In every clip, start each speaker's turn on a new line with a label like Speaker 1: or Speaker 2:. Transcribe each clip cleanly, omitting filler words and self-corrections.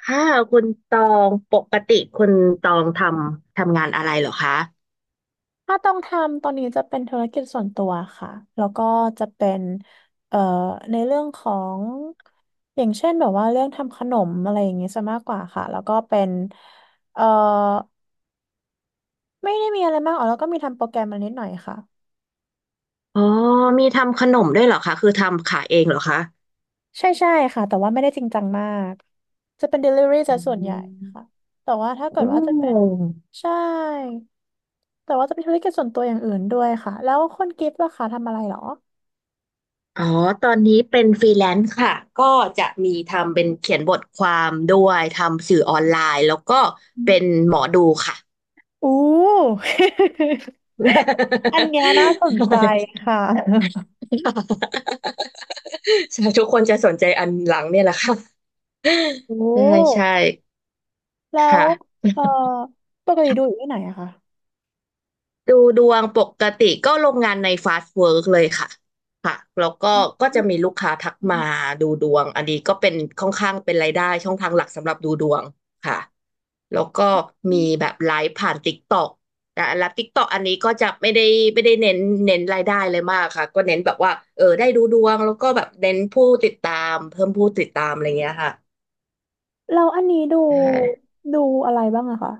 Speaker 1: ค่ะคุณตองปกติคุณตองทำงานอะไรเหรอคะ
Speaker 2: ถ้าต้องทำตอนนี้จะเป็นธุรกิจส่วนตัวค่ะ แล้วก็จะเป็นเอ่อในเรื่องของอย่างเช่นแบบว่าเรื่องทำขนมอะไรอย่างเงี้ยซะมากกว่าค่ะ แล้วก็เป็นเอ่อไม่ได้มีอะไรมากอ๋อแล้วก็มีทำโปรแกรมมานิดหน่อยค่ะ
Speaker 1: อ๋อมีทำขนมด้วยเหรอคะคือทำขายเองเหรอคะ
Speaker 2: ใช่ใช่ค่ะแต่ว่าไม่ได้จริงจังมากจะเป็น delivery
Speaker 1: อื
Speaker 2: ซะส่วนใหญ่ค่ะ
Speaker 1: ม
Speaker 2: แต่ว่าถ้า
Speaker 1: โ
Speaker 2: เกิดว่าจะเป็น
Speaker 1: อ
Speaker 2: ใช่แต่ว่าจะเป็นธุรกิจส่วนตัวอย่างอื่นด้วยค่ะแล้วคนกิฟต์ล่ะคะทำอะไรเหรอ
Speaker 1: อ๋อตอนนี้เป็นฟรีแลนซ์ค่ะก็จะมีทำเป็นเขียนบทความด้วยทำสื่อออนไลน์แล้วก็
Speaker 2: อม
Speaker 1: เป็น หมอดูค่ะ
Speaker 2: อู้ อันเนี้ยน่าสนใจ ค่ะ
Speaker 1: ใช่ทุกคนจะสนใจอันหลังเนี่ยแหละค่ะ
Speaker 2: โอ้
Speaker 1: ใช่ใช่
Speaker 2: แล้ว
Speaker 1: ค่ะ
Speaker 2: เอ่อปกติดูอยู่ที่ไหนอะคะ
Speaker 1: ดูดวงปกติก็โรงงานในฟาสต์เวิร์กเลยค่ะค่ะแล้วก็จะมีลูกค้าทักมาดูดวงอันนี้ก็เป็นค่อนข้างเป็นรายได้ช่องทางหลักสำหรับดูดวงค่ะแล้วก็
Speaker 2: อื
Speaker 1: มี
Speaker 2: ม
Speaker 1: แบบไลฟ์ผ่าน t ิ k กต k อนะแล้วติ๊กตอกอันนี้ก็จะไม่ได้เน้นรายได้เลยมากค่ะก็เน้นแบบว่าเออได้ดูดวงแล้วก็แบบเน้นผู้ติดตามเพิ่มผู้ติดตามอะไรเงี้ยค่ะ
Speaker 2: แล้วอันนี้ดู
Speaker 1: ใช่
Speaker 2: ดูอะไรบ้างอะคะ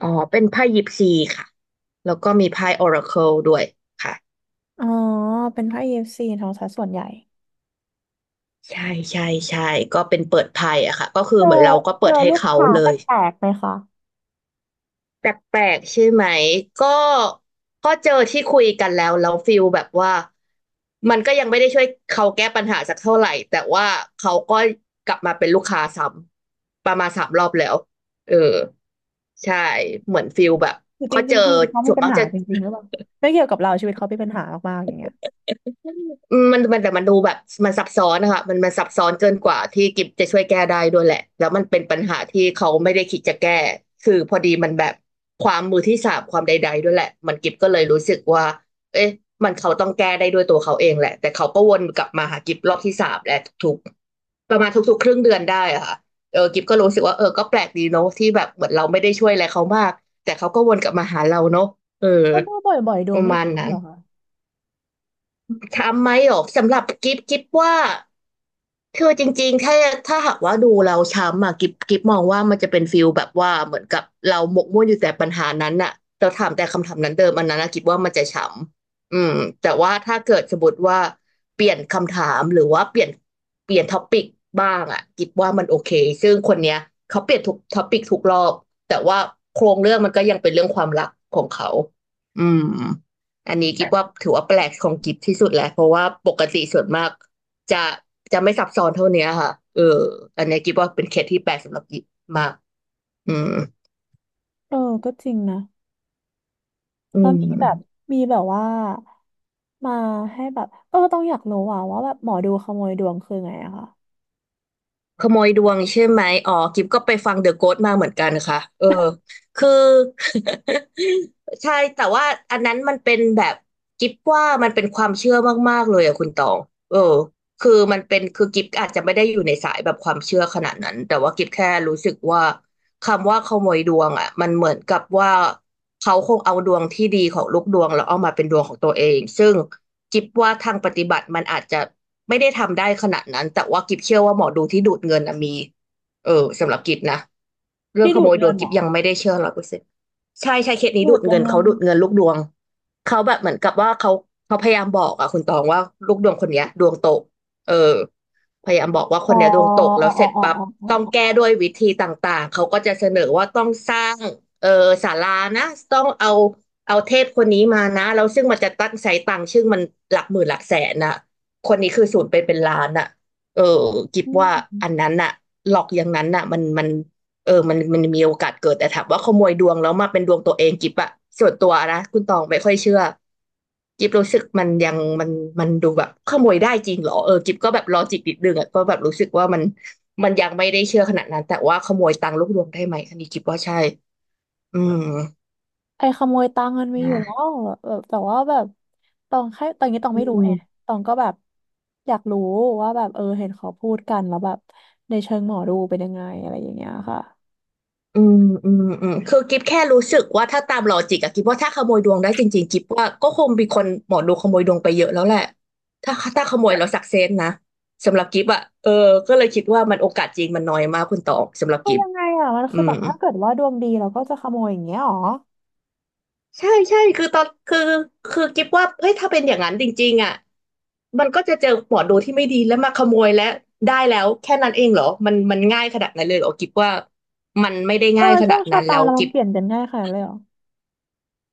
Speaker 1: อ๋อเป็นไพ่ยิปซีค่ะแล้วก็มีไพ่ออราเคิลด้วยค่ะ
Speaker 2: อ๋อ เป็นค่าย EFC ทองซะสายส่วนใหญ่
Speaker 1: ใช่ใช่ใช่ก็เป็นเปิดไพ่อะค่ะก็คือ
Speaker 2: เจอ
Speaker 1: เหมือนเราก็
Speaker 2: เจ
Speaker 1: เปิ
Speaker 2: อ
Speaker 1: ดให้
Speaker 2: ลูก
Speaker 1: เขา
Speaker 2: ค้า
Speaker 1: เล
Speaker 2: แป
Speaker 1: ย
Speaker 2: ลกๆไหมคะ
Speaker 1: แปลกๆใช่ไหมก็ก็เจอที่คุยกันแล้วฟิลแบบว่าก็ยังไม่ได้ช่วยเขาแก้ปัญหาสักเท่าไหร่แต่ว่าเขาก็กลับมาเป็นลูกค้าซ้ำประมาณสามรอบแล้วเออใช่เหมือนฟิลแบบ
Speaker 2: คือจ
Speaker 1: ก็เจ
Speaker 2: ริง
Speaker 1: อ
Speaker 2: ๆชีวิตเขา
Speaker 1: ส่
Speaker 2: มี
Speaker 1: วน
Speaker 2: ปัญ
Speaker 1: มาก
Speaker 2: หา
Speaker 1: จะ
Speaker 2: จริงๆหรือเปล่าไม่เกี่ยวกับเราชีวิตเขามีปัญหามากๆอย่างเงี้ย
Speaker 1: อืมมันแต่มันดูแบบมันซับซ้อนนะคะมันซับซ้อนเกินกว่าที่กิฟจะช่วยแก้ได้ด้วยแหละแล้วมันเป็นปัญหาที่เขาไม่ได้คิดจะแก้คือพอดีมันแบบความมือที่สามความใดๆด้วยแหละมันกิฟก็เลยรู้สึกว่าเอ๊ะมันเขาต้องแก้ได้ด้วยตัวเขาเองแหละแต่เขาก็วนกลับมาหากิฟรอบที่สามแหละทุกๆประมาณทุกๆครึ่งเดือนได้อะค่ะเออกิฟก็รู้สึกว่าเออก็แปลกดีเนาะที่แบบเหมือนเราไม่ได้ช่วยอะไรเขามากแต่เขาก็วนกลับมาหาเราเนาะเออ
Speaker 2: ก็ดูบ่อยๆดู
Speaker 1: ประ
Speaker 2: ไม่
Speaker 1: มาณ
Speaker 2: ซ้ำ
Speaker 1: นั้
Speaker 2: เห
Speaker 1: น
Speaker 2: รอคะ
Speaker 1: ทำไหมหรอสำหรับกิฟกิฟว่า คือจริงๆถ้าหากว่าดูเราช้ำอะกิฟมองว่ามันจะเป็นฟิลแบบว่าเหมือนกับเราหมกมุ่นอยู่แต่ปัญหานั้นน่ะเราถามแต่คำถามนั้นเดิมอันนั้นนะกิฟว่ามันจะช้ำอืมแต่ว่าถ้าเกิดสมมติว่าเปลี่ยนคำถามหรือว่าเปลี่ยนท็อปิกบ้างอะกิฟว่ามันโอเคซึ่งคนเนี้ยเขาเปลี่ยนทุกท็อปิกทุกรอบแต่ว่าโครงเรื่องมันก็ยังเป็นเรื่องความรักของเขาอืมอันนี้กิฟว่าถือว่าแปลกของกิฟที่สุดแหละเพราะว่าปกติส่วนมาก จะจะไม่ซับซ้อนเท่าเนี้ยค่ะเอออันเนี้ยกิ๊บว่าเป็นเคสที่แปลกสำหรับกิ๊บมากอืม
Speaker 2: เออ ก็จริงนะ
Speaker 1: อื
Speaker 2: แล้ว
Speaker 1: ม
Speaker 2: มีแบบมีแบบว่ามาให้แบบเออต้องอยากรู้อ่ะว่าแบบหมอดูขโมยดวงคือไงอะคะ
Speaker 1: ขโมยดวงใช่ไหมอ๋อกิฟก็ไปฟังเดอะโก s t มาเหมือนกันค่ะเออคือ ใช่แต่ว่าอันนั้นมันเป็นแบบกิฟว่ามันเป็นความเชื่อมากๆเลยอะคุณตองเออคือมันเป็นคือกิฟอาจจะไม่ได้อยู่ในสายแบบความเชื่อขนาดนั้นแต่ว่ากิฟแค่รู้สึกว่าคำว่าขโมยดวงอะมันเหมือนกับว่าเขาคงเอาดวงที่ดีของลูกดวงแล้วเอามาเป็นดวงของตัวเองซึ่งกิฟว่าทางปฏิบัติมันอาจจะ ไม่ได้ทำได้ขนาดนั้นแต่ว่ากิบเชื่อว่าหมอดูที่ดูดเงินนะมีเออสำหรับกิบนะ เรื่อง
Speaker 2: ที่
Speaker 1: ข
Speaker 2: ดู
Speaker 1: โม
Speaker 2: ด
Speaker 1: ยด
Speaker 2: เงิ
Speaker 1: วง
Speaker 2: นเห
Speaker 1: กิ
Speaker 2: ร
Speaker 1: ฟ
Speaker 2: อ
Speaker 1: ยังไม่ได้เชื่อ100%ใช่ใช่เคสนี้
Speaker 2: ดู
Speaker 1: ดู
Speaker 2: ด
Speaker 1: ด
Speaker 2: ยั
Speaker 1: เงิ
Speaker 2: ง
Speaker 1: น
Speaker 2: ไง
Speaker 1: เขาดูดเงินลูกดวง เขาแบบเหมือนกับว่าเขาพยายามบอกอะคุณตองว่าลูกดวงคนเนี้ยดวงตกเออพยายามบอกว่าค
Speaker 2: อ๋อ
Speaker 1: นเนี้ยดวงตกแล้
Speaker 2: อ๋อ
Speaker 1: ว
Speaker 2: อ๋
Speaker 1: เส
Speaker 2: อ
Speaker 1: ร็จ
Speaker 2: อ๋อ
Speaker 1: ปั๊บ
Speaker 2: อ๋อ
Speaker 1: ต้อง
Speaker 2: อ๋
Speaker 1: แก้
Speaker 2: อ
Speaker 1: ด้วยวิธีต่างๆเขาก็จะเสนอว่าต้องสร้างเออศาลานะต้องเอาเทพคนนี้มานะแล้วซึ่งมันจะตั้งใช้ตังค์ซึ่งมันหลักหมื่นหลักแสนน่ะคนนี้คือสูญไปนเป็นล้านน่ะเออกิบ
Speaker 2: อื
Speaker 1: ว่าอัน
Speaker 2: ม
Speaker 1: นั้นน่ะหลอกอย่างนั้นน่ะมัน เออมันมีโอกาสเกิดแต่ถามว่าขโมยดวงแล้วมาเป็นดวงตัวเองกิบอะส่วนตัวนะคุณตองไม่ค่อยเชื่อกิบรู้สึกมันยังมันมันดูแบบขโมยได้จริงเหรอเออกิบก็แบบลอจิกนิดนึงอะก็แบบรู้สึกว่ามันยังไม่ได้เชื่อขนาดนั้นแต่ว่าขโมยตังค์ลูกดวงได้ไหมอันนี้กิบว่าใช่อืม
Speaker 2: ไอ้ขโมยตังค์มันมีอยู่
Speaker 1: นะ
Speaker 2: แล้วแบบแต่ว่าแบบตองแค่ตอนนี้ตอง
Speaker 1: อื
Speaker 2: ไม่รู้
Speaker 1: ม
Speaker 2: ไงตองก็แบบอยากรู้ว่าแบบเออเห็นเขาพูดกันแล้วแบบในเชิงหมอดูเป็นยังไงอะไรอย่างเงี้ยค่ะ
Speaker 1: อืมอืมอืมคือกิฟแค่รู้สึกว่าถ้าตามลอจิกอะกิฟว่าถ้าขโมยดวงได้จริงๆกิฟว่าก็คงมีคนหมอดูขโมยดวงไปเยอะแล้วแหละถ้าขโมยแล้วสักเซนนะสำหรับกิฟอะเออก็เลยคิดว่ามันโอกาสจริงมันน้อยมากคุณตองสำหรับ
Speaker 2: คือ
Speaker 1: กิฟ
Speaker 2: ยังไงอ่ะมัน
Speaker 1: อื
Speaker 2: คือแบ
Speaker 1: ม
Speaker 2: บถ้าเกิดว่าดวงดีเราก็จะขโมยอย่างเงี้ยหรอ
Speaker 1: ใช่ใช่คือคือกิฟว่าเฮ้ยถ้าเป็นอย่างนั้นจริงๆอะมันก็จะเจอหมอดูที่ไม่ดีแล้วมาขโมยและได้แล้วแค่นั้นเองเหรอมันง่ายขนาดนั้นเลยเหรอกิฟว่ามันไม่ได้
Speaker 2: เออ
Speaker 1: ง่ายข
Speaker 2: โช
Speaker 1: นาด
Speaker 2: คชะ
Speaker 1: นั้น
Speaker 2: ตา
Speaker 1: แล้ว
Speaker 2: เรามั
Speaker 1: กิ
Speaker 2: น
Speaker 1: ฟ
Speaker 2: เปลี่ยนกันง่ายขนาดนั้นเลยเหรอ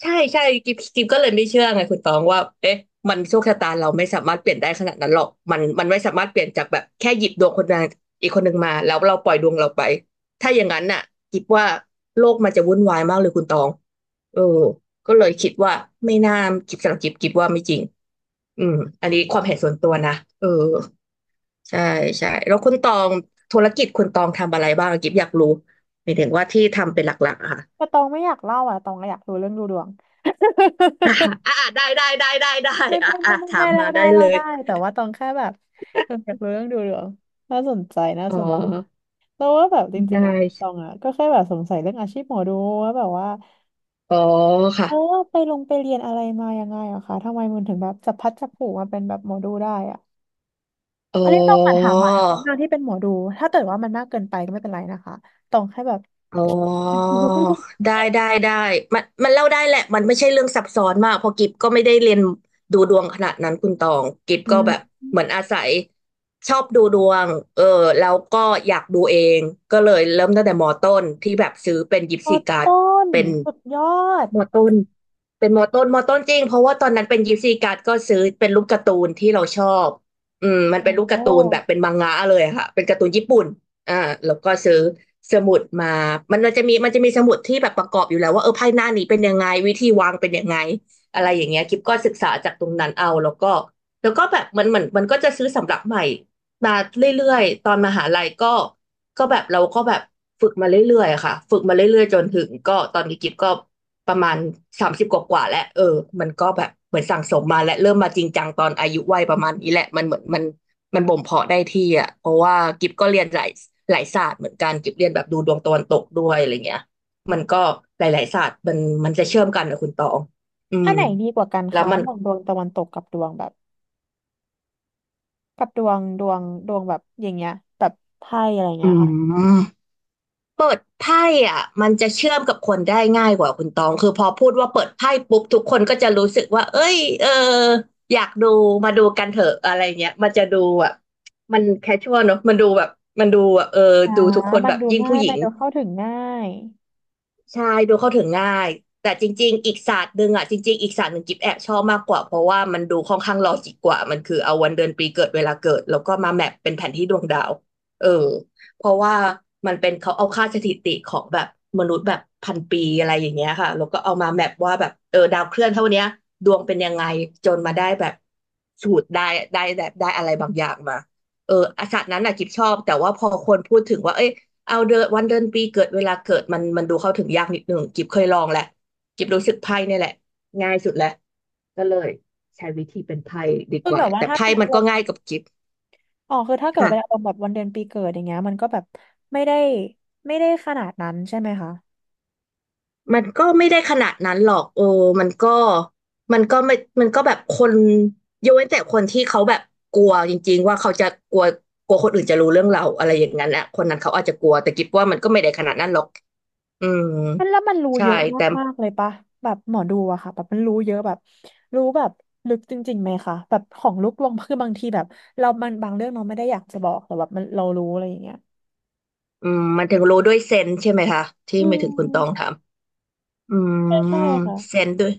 Speaker 1: ใช่ใช่กิฟก็เลยไม่เชื่อไงคุณตองว่าเอ๊ะมันโชคชะตาเราไม่สามารถเปลี่ยนได้ขนาดนั้นหรอกมันไม่สามารถเปลี่ยนจากแบบแค่หยิบดวงคนใดอีกคนหนึ่งมาแล้วเราปล่อยดวงเราไปถ้าอย่างนั้นน่ะกิฟว่าโลกมันจะวุ่นวายมากเลยคุณตองเออก็เลยคิดว่าไม่น่ากิฟสำหรับกิฟว่าไม่จริงอืมอันนี้ความเห็นส่วนตัวนะเออใช่ใช่แล้วคุณตองธุรกิจคุณตองทำอะไรบ้างกิฟอยากรู้หมายถึงว่าที่ทำเป็นหลักๆอะค่ะ
Speaker 2: แต่ตองไม่อยากเล่าอ่ะตองอยากรู้เรื่องดูดวง
Speaker 1: อ่า อ่าได้ได้ได้ได้ได้
Speaker 2: ไม่
Speaker 1: อ่า
Speaker 2: ไม่
Speaker 1: อ่า
Speaker 2: ไม่ไม่
Speaker 1: ถา
Speaker 2: ไม่
Speaker 1: ม
Speaker 2: เล่า
Speaker 1: มาได้
Speaker 2: ได้
Speaker 1: เล
Speaker 2: เล่า
Speaker 1: ย
Speaker 2: ได้แต่ว่าตองแค่แบบตองอยากรู้เรื่องดูดวงน่าสนใจน่า
Speaker 1: อ๋อ
Speaker 2: สนแล้วว่าแบบจริ
Speaker 1: ได้
Speaker 2: งๆอะตองอ่ะก็แค่แบบสงสัยเรื่องอาชีพหมอดูว่าแบบว่า
Speaker 1: อ๋อค่ะ
Speaker 2: เออไปลงไปเรียนอะไรมายังไงอะคะทำไมมันถึงแบบจับพลัดจับผลูมาเป็นแบบหมอดูได้อ่ะ
Speaker 1: อ๋อ
Speaker 2: อันนี้ต้องมาถามหมายคนหนานที่เป็นหมอดูถ้าเกิดว่ามันมากเกินไปก็ไม่เป็นไรนะคะตองแค่แบบ
Speaker 1: อ๋อได้ได้ได้มันมันเล่าได้แหละมันไม่ใช่เรื่องซับซ้อนมากเพราะกิฟก็ไม่ได้เรียนดูดวงขนาดนั้นคุณตองกิฟ
Speaker 2: อื
Speaker 1: ก็
Speaker 2: ม
Speaker 1: แบบเหมือนอาศัยชอบดูดวงเออแล้วก็อยากดูเองก็เลยเริ่มตั้งแต่มอต้นที่แบบซื้อเป็นยิป
Speaker 2: พอ
Speaker 1: ซีการ์ด
Speaker 2: ต้น
Speaker 1: เป็น
Speaker 2: สุดยอด
Speaker 1: มอต้นเป็นมอต้นมอต้นจริงเพราะว่าตอนนั้นเป็นยิปซีการ์ดก็ซื้อเป็นรูปการ์ตูนที่เราชอบอืมมันเป็นรูปการ์ตูน
Speaker 2: โอ้
Speaker 1: แบบเป็นมังงะเลยอะค่ะเป็นการ์ตูนญี่ปุ่นอ่าแล้วก็ซื้อสมุดมามันจะมีมันจะมีสมุดที่แบบประกอบอยู่แล้วว่าเออไพ่หน้านี้เป็นยังไงวิธีวางเป็นยังไงอะไรอย่างเงี้ยกิฟก็ศึกษาจากตรงนั้นเอาแล้วก็แล้วก็แบบมันเหมือนมันก็จะซื้อสำรับใหม่มาเรื่อยๆตอนมหาลัยก็แบบเราก็แบบฝึกมาเรื่อยๆอะค่ะฝึกมาเรื่อยๆจนถึงก็ตอนนี้กิฟก็ ประมาณ30กว่าๆแล้วเออมันก็แบบเหมือนสั่งสมมาและเริ่มมาจริงจังตอนอายุวัยประมาณนี้แหละมันเหมือนมันมันบ่มเพาะได้ที่อ่ะเพราะว่ากิฟก็เรียนหลายหลายศาสตร์เหมือนกันกิฟเรียนแบบดูดวงตะวันตกด้วยอะไรเงี้ยมันก็หลายๆศาสตร์มันจะเชื่อมกันนะคุณตองอื
Speaker 2: ถ้า
Speaker 1: ม
Speaker 2: ไหนดีกว่ากัน
Speaker 1: แล้ว
Speaker 2: คะ
Speaker 1: มั
Speaker 2: ระ
Speaker 1: น
Speaker 2: หว่างดวงตะวันตกกับดวงแบบกับดวงดวงดวงแบบอย่างเงี้ยแบบไพ่อะไร
Speaker 1: อื
Speaker 2: เงี้ยค่ะ
Speaker 1: ม เปิดไพ่อ่ะมันจะเชื่อมกับคนได้ง่ายกว่าคุณตองคือพอพูดว่าเปิดไพ่ปุ๊บทุกคนก็จะรู้สึกว่าเอ้ยเอออยากดูมาดูกันเถอะอะไรเงี้ยมันจะดูแบบมันแคชชวลเนอะมันดูแบบมันดูแบบเออ
Speaker 2: อ่า
Speaker 1: ดูทุกคน
Speaker 2: มั
Speaker 1: แบ
Speaker 2: น
Speaker 1: บ
Speaker 2: ดู
Speaker 1: ยิ่ง
Speaker 2: ง่า
Speaker 1: ผู้
Speaker 2: ย
Speaker 1: หญิ
Speaker 2: มั
Speaker 1: ง
Speaker 2: นดูเข้าถึงง่าย
Speaker 1: ใช่ดูเข้าถึงง่ายแต่จริงๆอีกศาสตร์หนึ่งอ่ะจริงๆอีกศาสตร์หนึ่งกิ๊บแอบชอบมากกว่าเพราะว่ามันดูค่อนข้างลอจิกกว่ามันคือเอาวันเดือนปีเกิดเวลาเกิดแล้วก็มาแมปเป็นแผนที่ดวงดาวเออเพราะว่ามันเป็นเขาเอาค่าสถิติของแบบมนุษย์แบบพันปีอะไรอย่างเงี้ยค่ะแล้วก็เอามาแมปว่าแบบเออดาวเคลื่อนเท่าเนี้ยดวงเป็นยังไงจนมาได้แบบสูตรได้ได้แบบได้อะไรบางอย่างมาเอออาศาสตร์นั้นน่ะกิบชอบแต่ว่าพอคนพูดถึงว่าเอ้ย เอาเดือนวันเดือนปีเกิดเวลาเกิดมันดูเข้าถึงยากนิดหนึ่งกิบเคยลองแหละกิบรู้สึกไพ่เนี่ยแหละง่ายสุดแหละก็เลยใช้วิธีเป็นไพ่ดี
Speaker 2: คื
Speaker 1: ก
Speaker 2: อ
Speaker 1: ว่า
Speaker 2: แบบว่า
Speaker 1: แต่
Speaker 2: ถ้า
Speaker 1: ไพ่
Speaker 2: เป็นอา
Speaker 1: มัน
Speaker 2: ร
Speaker 1: ก็
Speaker 2: มณ์
Speaker 1: ง่ายกับกิบ
Speaker 2: อ๋อคือถ้าเกิดเป็นอาร
Speaker 1: ค่ะ
Speaker 2: มณ์แบบวันเดือนปีเกิดอย่างเงี้ยมันก็แบบไม่ได้ไม่ได้ขนาดนั้นใช่ไหมคะ
Speaker 1: มันก็ไม่ได้ขนาดนั้นหรอกเออมันก็มันก็ไม่มันก็แบบคนยกเว้นแต่คนที่เขาแบบกลัวจริงๆว่าเขาจะกลัวกลัวคนอื่นจะรู้เรื่องเราอะไรอย่างนั้นอ่ะคนนั้นเขาอาจจะกลัวแต่กิบว่ามันก็ไม่ได้ขนาดนั้นหรอกอืม
Speaker 2: มันแล้วมันรู้
Speaker 1: ใช่
Speaker 2: เยอะ
Speaker 1: แต่
Speaker 2: มากๆเลยปะแบบหมอดูอะค่ะแบบมันรู้เยอะแบบรู้แบบลึกจริงๆไหมคะแบบของลูกดวงคือบางทีแบบเรามันบางเรื่องเราไม่ได้อยากจะบอกแต่แบบมันเรารู้อะไรอย่างเงี้ย
Speaker 1: อืมมันถึงรู้ด้วยเซนส์ใช่ไหมคะที่
Speaker 2: อื
Speaker 1: ไม่ถึงคุณตอง
Speaker 2: ม
Speaker 1: ถามอืม
Speaker 2: ใช่ใช่ค่ะ
Speaker 1: เซนส์ด้วย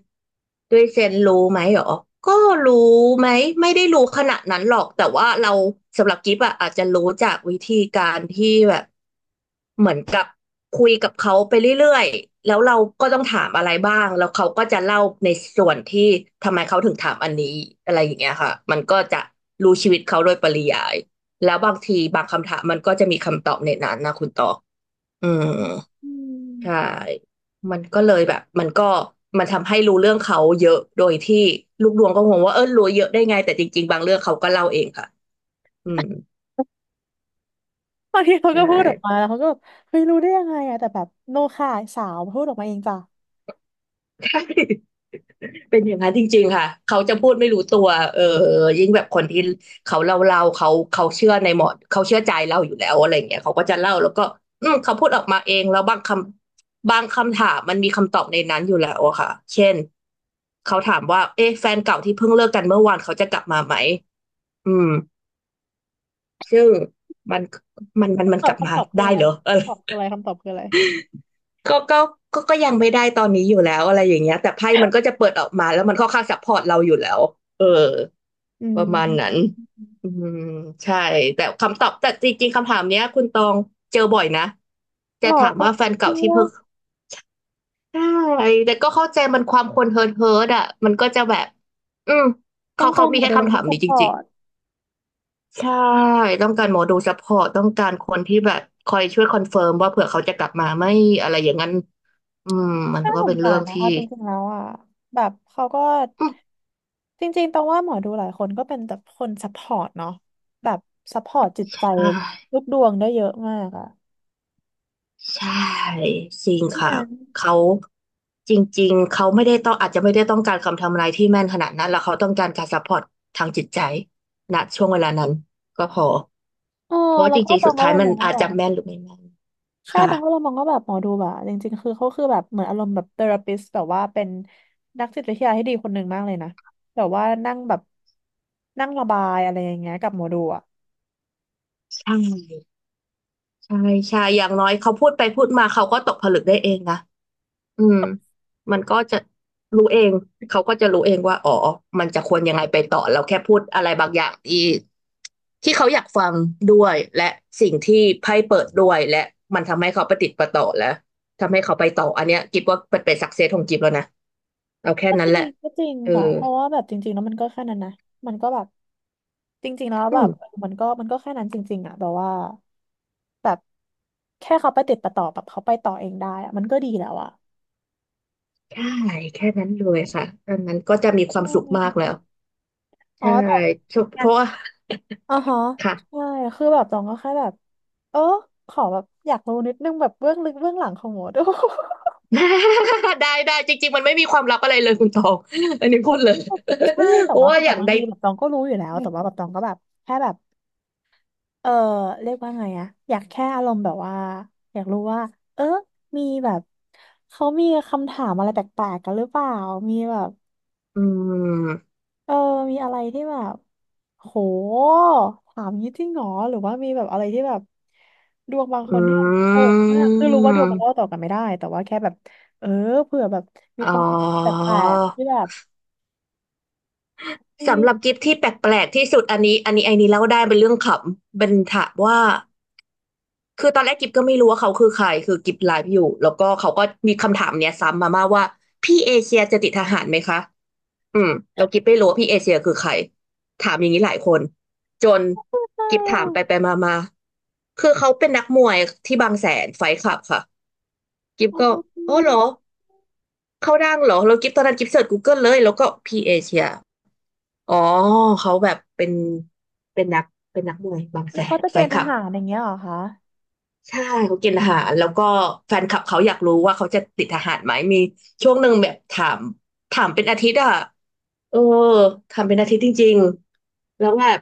Speaker 1: ด้วยเซนส์รู้ไหมเหรอก็รู้ไหมไม่ได้รู้ขนาดนั้นหรอกแต่ว่าเราสำหรับกิฟอะอาจจะรู้จากวิธีการที่แบบเหมือนกับคุยกับเขาไปเรื่อยๆแล้วเราก็ต้องถามอะไรบ้างแล้วเขาก็จะเล่าในส่วนที่ทำไมเขาถึงถามอันนี้อะไรอย่างเงี้ยค่ะมันก็จะรู้ชีวิตเขาโดยปริยายแล้วบางทีบางคำถามมันก็จะมีคำตอบในนั้นนะคุณต่อ อืม
Speaker 2: อื
Speaker 1: ใช่
Speaker 2: ม
Speaker 1: มันก็เลยแบบมันก็มันทำให้รู้เรื่องเขาเยอะโดยที่ลูกดวงก็งงว่าเออรู้เยอะได้ไงแต่จริงๆบางเรื่องเขาก็เล่าเองค่ะอืม
Speaker 2: บางทีเขา
Speaker 1: ใช่
Speaker 2: ก็พูดออกมาแล้วเขาก็แบบเฮ้ยรู้ได้ยังไงอะแต่แบบโนค่ะสาวพูดออกมาเองจ้ะ
Speaker 1: ใช่ เป็นอย่างนั้นจริงๆค่ะเขาจะพูดไม่รู้ตัวเออยิ่งแบบคนที่เขาเล่าเขาเชื่อในหมอเขาเชื่อใจเราอยู่แล้วอะไรอย่างเงี้ยเขาก็จะเล่าแล้วก็อืมเขาพูดออกมาเองแล้วบางคำถามมันมีคำตอบในนั้นอยู่แล้วอะค่ะเช่นเขาถามว่าเอ๊ะแฟนเก่าที่เพิ่งเลิกกันเมื่อวานเขาจะกลับมาไหมอืมซึ่งมันมันมันมั
Speaker 2: คำ
Speaker 1: น
Speaker 2: ตอ
Speaker 1: ก
Speaker 2: บ
Speaker 1: ลับมา
Speaker 2: คื
Speaker 1: ได้
Speaker 2: ออะไร
Speaker 1: เหรอเอะไร
Speaker 2: คำตอบคืออะไรคำตอบคืออะไร
Speaker 1: ก็ก็ก็ยังไม่ได้ตอนนี้อยู่แล้วอะไรอย่างเงี้ยแต่ไพ่มันก็จะเปิดออกมาแล้วมันค่อนข้างซัพพอร์ตเราอยู่แล้วเออ
Speaker 2: อื
Speaker 1: ประมาณนั้น
Speaker 2: ม
Speaker 1: อืมใช่แต่คำตอบแต่จริงๆคำถามเนี้ยคุณตองเจอบ่อยนะจะ
Speaker 2: หรอ
Speaker 1: ถาม
Speaker 2: เขา
Speaker 1: ว่าแฟน
Speaker 2: คิ
Speaker 1: เก่า
Speaker 2: ด
Speaker 1: ที่
Speaker 2: ว่า
Speaker 1: เพิ่งใช่แต่ก็เข้าใจมันความคนเฮิร์ทเฮิร์ทอ่ะมันก็จะแบบอืม
Speaker 2: ต้อ
Speaker 1: เขา
Speaker 2: ง
Speaker 1: เขา
Speaker 2: การห
Speaker 1: มี
Speaker 2: มอ
Speaker 1: แค่
Speaker 2: ดูเป็น
Speaker 1: คำถา
Speaker 2: ที่
Speaker 1: ม
Speaker 2: ซัพ
Speaker 1: นี้
Speaker 2: พ
Speaker 1: จ
Speaker 2: อ
Speaker 1: ริง
Speaker 2: ร์ต
Speaker 1: ๆใช่ต้องการหมอดูซัพพอร์ตต้องการคนที่แบบคอยช่วยคอนเฟิร์มว่าเผื่อเขาจะกลับมาไหมอะไรอย่างนั้น อืมมัน
Speaker 2: น่า
Speaker 1: ก็
Speaker 2: ส
Speaker 1: เป็
Speaker 2: ง
Speaker 1: น
Speaker 2: สา
Speaker 1: เรื่อ
Speaker 2: ร
Speaker 1: ง
Speaker 2: นะ
Speaker 1: ที่
Speaker 2: เอาจริงๆแล้วอ่ะแบบเขาก็
Speaker 1: อืม
Speaker 2: จริงๆตรงว่าหมอดูหลายคนก็เป็นแบบคนซัพพอร์ตเนาะแบบซัพพอร์ตจิตใจ
Speaker 1: อ่า
Speaker 2: ลูกดวงได้เยอะมากอ่ะ
Speaker 1: ใช่จริง
Speaker 2: ฉะ
Speaker 1: ค่ะ
Speaker 2: นั้น
Speaker 1: เขาจริงๆเขาไม่ได้ต้องอาจจะไม่ได้ต้องการคำทำนายที่แม่นขนาดนั้นแล้วเขาต้องการการซัพพอร์ตทางจิตใจณช่วงเวลานั้นก็พอ
Speaker 2: เออ
Speaker 1: เพราะว่า
Speaker 2: แล้
Speaker 1: จ
Speaker 2: วก็
Speaker 1: ริง
Speaker 2: ต
Speaker 1: ๆ
Speaker 2: อ
Speaker 1: สุ
Speaker 2: ง
Speaker 1: ด
Speaker 2: ก็
Speaker 1: ท้า
Speaker 2: เล
Speaker 1: ย
Speaker 2: ย
Speaker 1: มั
Speaker 2: ม
Speaker 1: น
Speaker 2: องว่า
Speaker 1: อาจ
Speaker 2: แบบ
Speaker 1: จะแม่นหรือไม่แม่น
Speaker 2: ใช่
Speaker 1: ค่ะ
Speaker 2: ตองก็เลยมองว่าแบบหมอดูแบบจริงๆคือเขาคือแบบเหมือนอารมณ์แบบเทอราปิสแบบว่าเป็นนักจิตวิทยาที่ดีคนหนึ่งมากเลยนะแบบว่านั่งแบบนั่งระบายอะไรอย่างเงี้ยกับหมอดูอ่ะ
Speaker 1: ใช่ใช่ใช่อย่างน้อยเขาพูดไปพูดมาเขาก็ตกผลึกได้เองนะ อืมมันก็จะรู้เองเขาก็จะรู้เองว่าอ๋อมันจะควรยังไงไปต่อเราแค่พูดอะไรบางอย่างที่ที่เขาอยากฟังด้วยและสิ่งที่ไพ่เปิดด้วยและมันทำให้เขาประติดประต่อและทำให้เขาไปต่ออันเนี้ยกิบว่าเป็นเป็นสักเซสของกิบแล้วนะเอาแค่
Speaker 2: ก็จ
Speaker 1: นั้น
Speaker 2: ริ
Speaker 1: แห
Speaker 2: ง
Speaker 1: ละ
Speaker 2: ก็จริง
Speaker 1: เออ
Speaker 2: ค่ะเพราะว่าแบบจริงๆแล้วมันก็แค่นั้นนะมันก็แบบจริงๆแล้ว
Speaker 1: อื
Speaker 2: แบ
Speaker 1: ม
Speaker 2: บมันก็มันก็แค่นั้นจริงๆอ่ะแบบว่าแบบแค่เขาไปติดประต่อแบบเขาไปต่อเองได้อะมันก็ดีแล้วอ่ะ
Speaker 1: ใช่แค่นั้นเลยค่ะอันนั้นก็จะมีค
Speaker 2: ใช
Speaker 1: วามสุขมากแล้
Speaker 2: ่
Speaker 1: ว
Speaker 2: อ๋อ
Speaker 1: ใช่
Speaker 2: แต่
Speaker 1: เพราะว่า
Speaker 2: อ๋อฮะ
Speaker 1: ค่ะ
Speaker 2: ใช่คือแบบตองก็แค่แบบเออขอแบบอยากรู้นิดนึงแบบเบื้องลึกเบื้องหลังของหมอดู
Speaker 1: ได้ได้จริงๆมันไม่มีความลับอะไรเลยคุณตอง อันนี้พูดเลย
Speaker 2: ใช่แต่
Speaker 1: เพราะ
Speaker 2: ว่า
Speaker 1: ว่า
Speaker 2: คือแบ
Speaker 1: อ
Speaker 2: บ
Speaker 1: ย่าง
Speaker 2: บาง
Speaker 1: ใด
Speaker 2: ทีแบบตองก็รู้อยู่แล้วแต่ว่าแบบตองก็แบบแค่แบบเออเรียกว่าไงอะอยากแค่อารมณ์แบบว่าอยากรู้ว่าเออมีแบบเขามีคำถามอะไรแปลกๆกันหรือเปล่ามีแบบ
Speaker 1: อืม
Speaker 2: เออมีอะไรที่แบบโหถามงี้จริงเหรอหรือว่ามีแบบอะไรที่แบบดวงบาง
Speaker 1: อ
Speaker 2: คนที่แบบโห
Speaker 1: ื
Speaker 2: ดมากคือรู้ว่าดวงมันเล่าต่
Speaker 1: ม
Speaker 2: อกันไม่ได้แต่ว่าแค่แบบเออเผื่อแบบมี
Speaker 1: อ๋
Speaker 2: ค
Speaker 1: อ
Speaker 2: ำแปลกๆที่แบบมี
Speaker 1: สำหรับกิฟที่แปลกๆที่สุดอันนี้อันนี้ไอ้นี้เล่าได้เป็นเรื่องขำเป็นถามว่าคือตอนแรกกิฟก็ไม่รู้ว่าเขาคือใครคือกิฟไลฟ์อยู่แล้วก็เขาก็มีคำถามเนี้ยซ้ำมาว่าพี่เอเชียจะติดทหารไหมคะ อืมเรากิ๊บไม่รู้ว่าพี่เอเชียคือใครถามอย่างนี้หลายคนจน
Speaker 2: อะไร
Speaker 1: กิ๊บ
Speaker 2: อ่
Speaker 1: ถามไปไป
Speaker 2: ะ
Speaker 1: มามาคือเขาเป็นนักมวยที่บางแสนไฟท์คลับค่ะกิบ
Speaker 2: โ
Speaker 1: ก็อ๋อ
Speaker 2: อ
Speaker 1: เหรอเขาดังเหรอแล้วกิบตอนนั้นกิบเสิร์ช Google เลยแล้วก็พี่เอเชียอ๋อเขาแบบเป็นนักเป็นนักมวยบาง
Speaker 2: แล้
Speaker 1: แส
Speaker 2: วเขา
Speaker 1: น
Speaker 2: จะเก
Speaker 1: ไฟ
Speaker 2: ณ
Speaker 1: ท์
Speaker 2: ฑ์
Speaker 1: ค
Speaker 2: ท
Speaker 1: ลับ
Speaker 2: หารอย่างเงี้ยเหรอคะ
Speaker 1: ใช่เขากินอาหารแล้วก็แฟนคลับเขาอยากรู้ว่าเขาจะติดทหารไหมมีช่วงหนึ่งแบบถามเป็นอาทิตย์อะ เออทำเป็นอาทิตย์จริงๆแล้วแบบ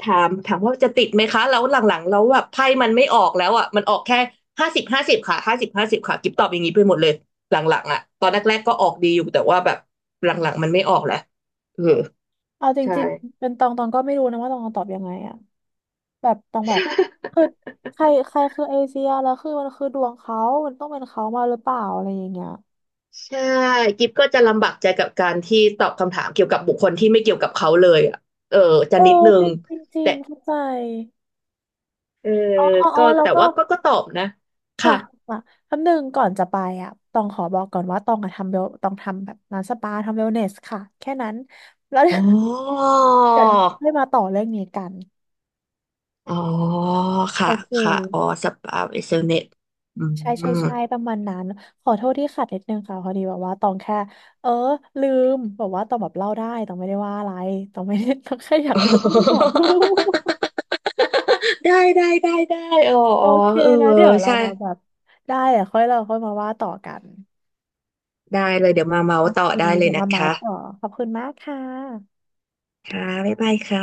Speaker 1: ถามว่าจะติดไหมคะแล้วหลังๆแล้วแบบไพ่มันไม่ออกแล้วอ่ะมันออกแค่ห้าสิบห้าสิบค่ะห้าสิบห้าสิบค่ะกิ๊บตอบอย่างนี้ไปหมดเลยหลังๆอ่ะตอนแรกๆก็ออกดีอยู่แต่ว่าแบบหลังๆมันไม่ออกแล้วเออ
Speaker 2: เอาจ
Speaker 1: ใช่
Speaker 2: ริงๆเป็นตองตองก็ไม่รู้นะว่าตองตอบยังไงอะแบบตองแบบคือ ใครใครคือเอเชียแล้วคือมันคือดวงเขามันต้องเป็นเขามาหรือเปล่าอะไรอย่างเงี้ย
Speaker 1: ใช่กิฟก็จะลำบากใจกับการที่ตอบคำถามเกี่ยวกับบุคคลที่ไม่เกี่ยวกับเขาเลยอ่ะเออจะ
Speaker 2: เออ
Speaker 1: นิดนึ
Speaker 2: จ
Speaker 1: ง
Speaker 2: ริงจริงจริ
Speaker 1: แต่
Speaker 2: งเข้าใจ
Speaker 1: เออ
Speaker 2: อ๋ออ๋ออ๋
Speaker 1: ก็
Speaker 2: อแล้ว
Speaker 1: แต่
Speaker 2: ก็
Speaker 1: ว่าก็ก็ตอบนะ
Speaker 2: ค่ะ
Speaker 1: ค่ะ
Speaker 2: ค่ะคำหนึ่งก่อนจะไปอ่ะตองขอบอกก่อนว่าตองอะทำเวลตองทำแบบร้านสปาทำเวลเนสค่ะแค่นั้นแล้วเดี๋
Speaker 1: อ๋
Speaker 2: ยว
Speaker 1: อ
Speaker 2: เดค่อยมาต่อเรื่องนี้กัน
Speaker 1: อ๋อ
Speaker 2: โอ
Speaker 1: ค่ะ
Speaker 2: เค
Speaker 1: ค่ะอ๋อสปาเอเซอเน็ตอื
Speaker 2: ใช่
Speaker 1: ม
Speaker 2: ใช่ใช่ประมาณนั้นขอโทษที่ขัดนิดนึงค่ะพอดีแบบว่าตองแค่เออลืมแบบว่าตองแบบเล่าได้ตองไม่ได้ว่าอะไรตองไม่ได้ ตองแค่อยา ก
Speaker 1: อ๋อ
Speaker 2: รู้ ขอโทษ
Speaker 1: ได้ได้ได้ได้อ๋อ
Speaker 2: โอ
Speaker 1: อ๋อ
Speaker 2: เค
Speaker 1: เออ
Speaker 2: แล้วเดี๋ยวเรา
Speaker 1: ใช่
Speaker 2: มาแบบได้อะค่อยเราค่อยมาว่าต่อกัน
Speaker 1: ได้เลยเดี๋ยวมาเมา
Speaker 2: โอ
Speaker 1: ส์ต่
Speaker 2: เค
Speaker 1: อได้เล
Speaker 2: เดี๋
Speaker 1: ย
Speaker 2: ยว
Speaker 1: นะ
Speaker 2: มาเมา
Speaker 1: คะ
Speaker 2: ส์ต่อ ขอบคุณมากค่ะ
Speaker 1: ค่ะบ๊ายบายค่ะ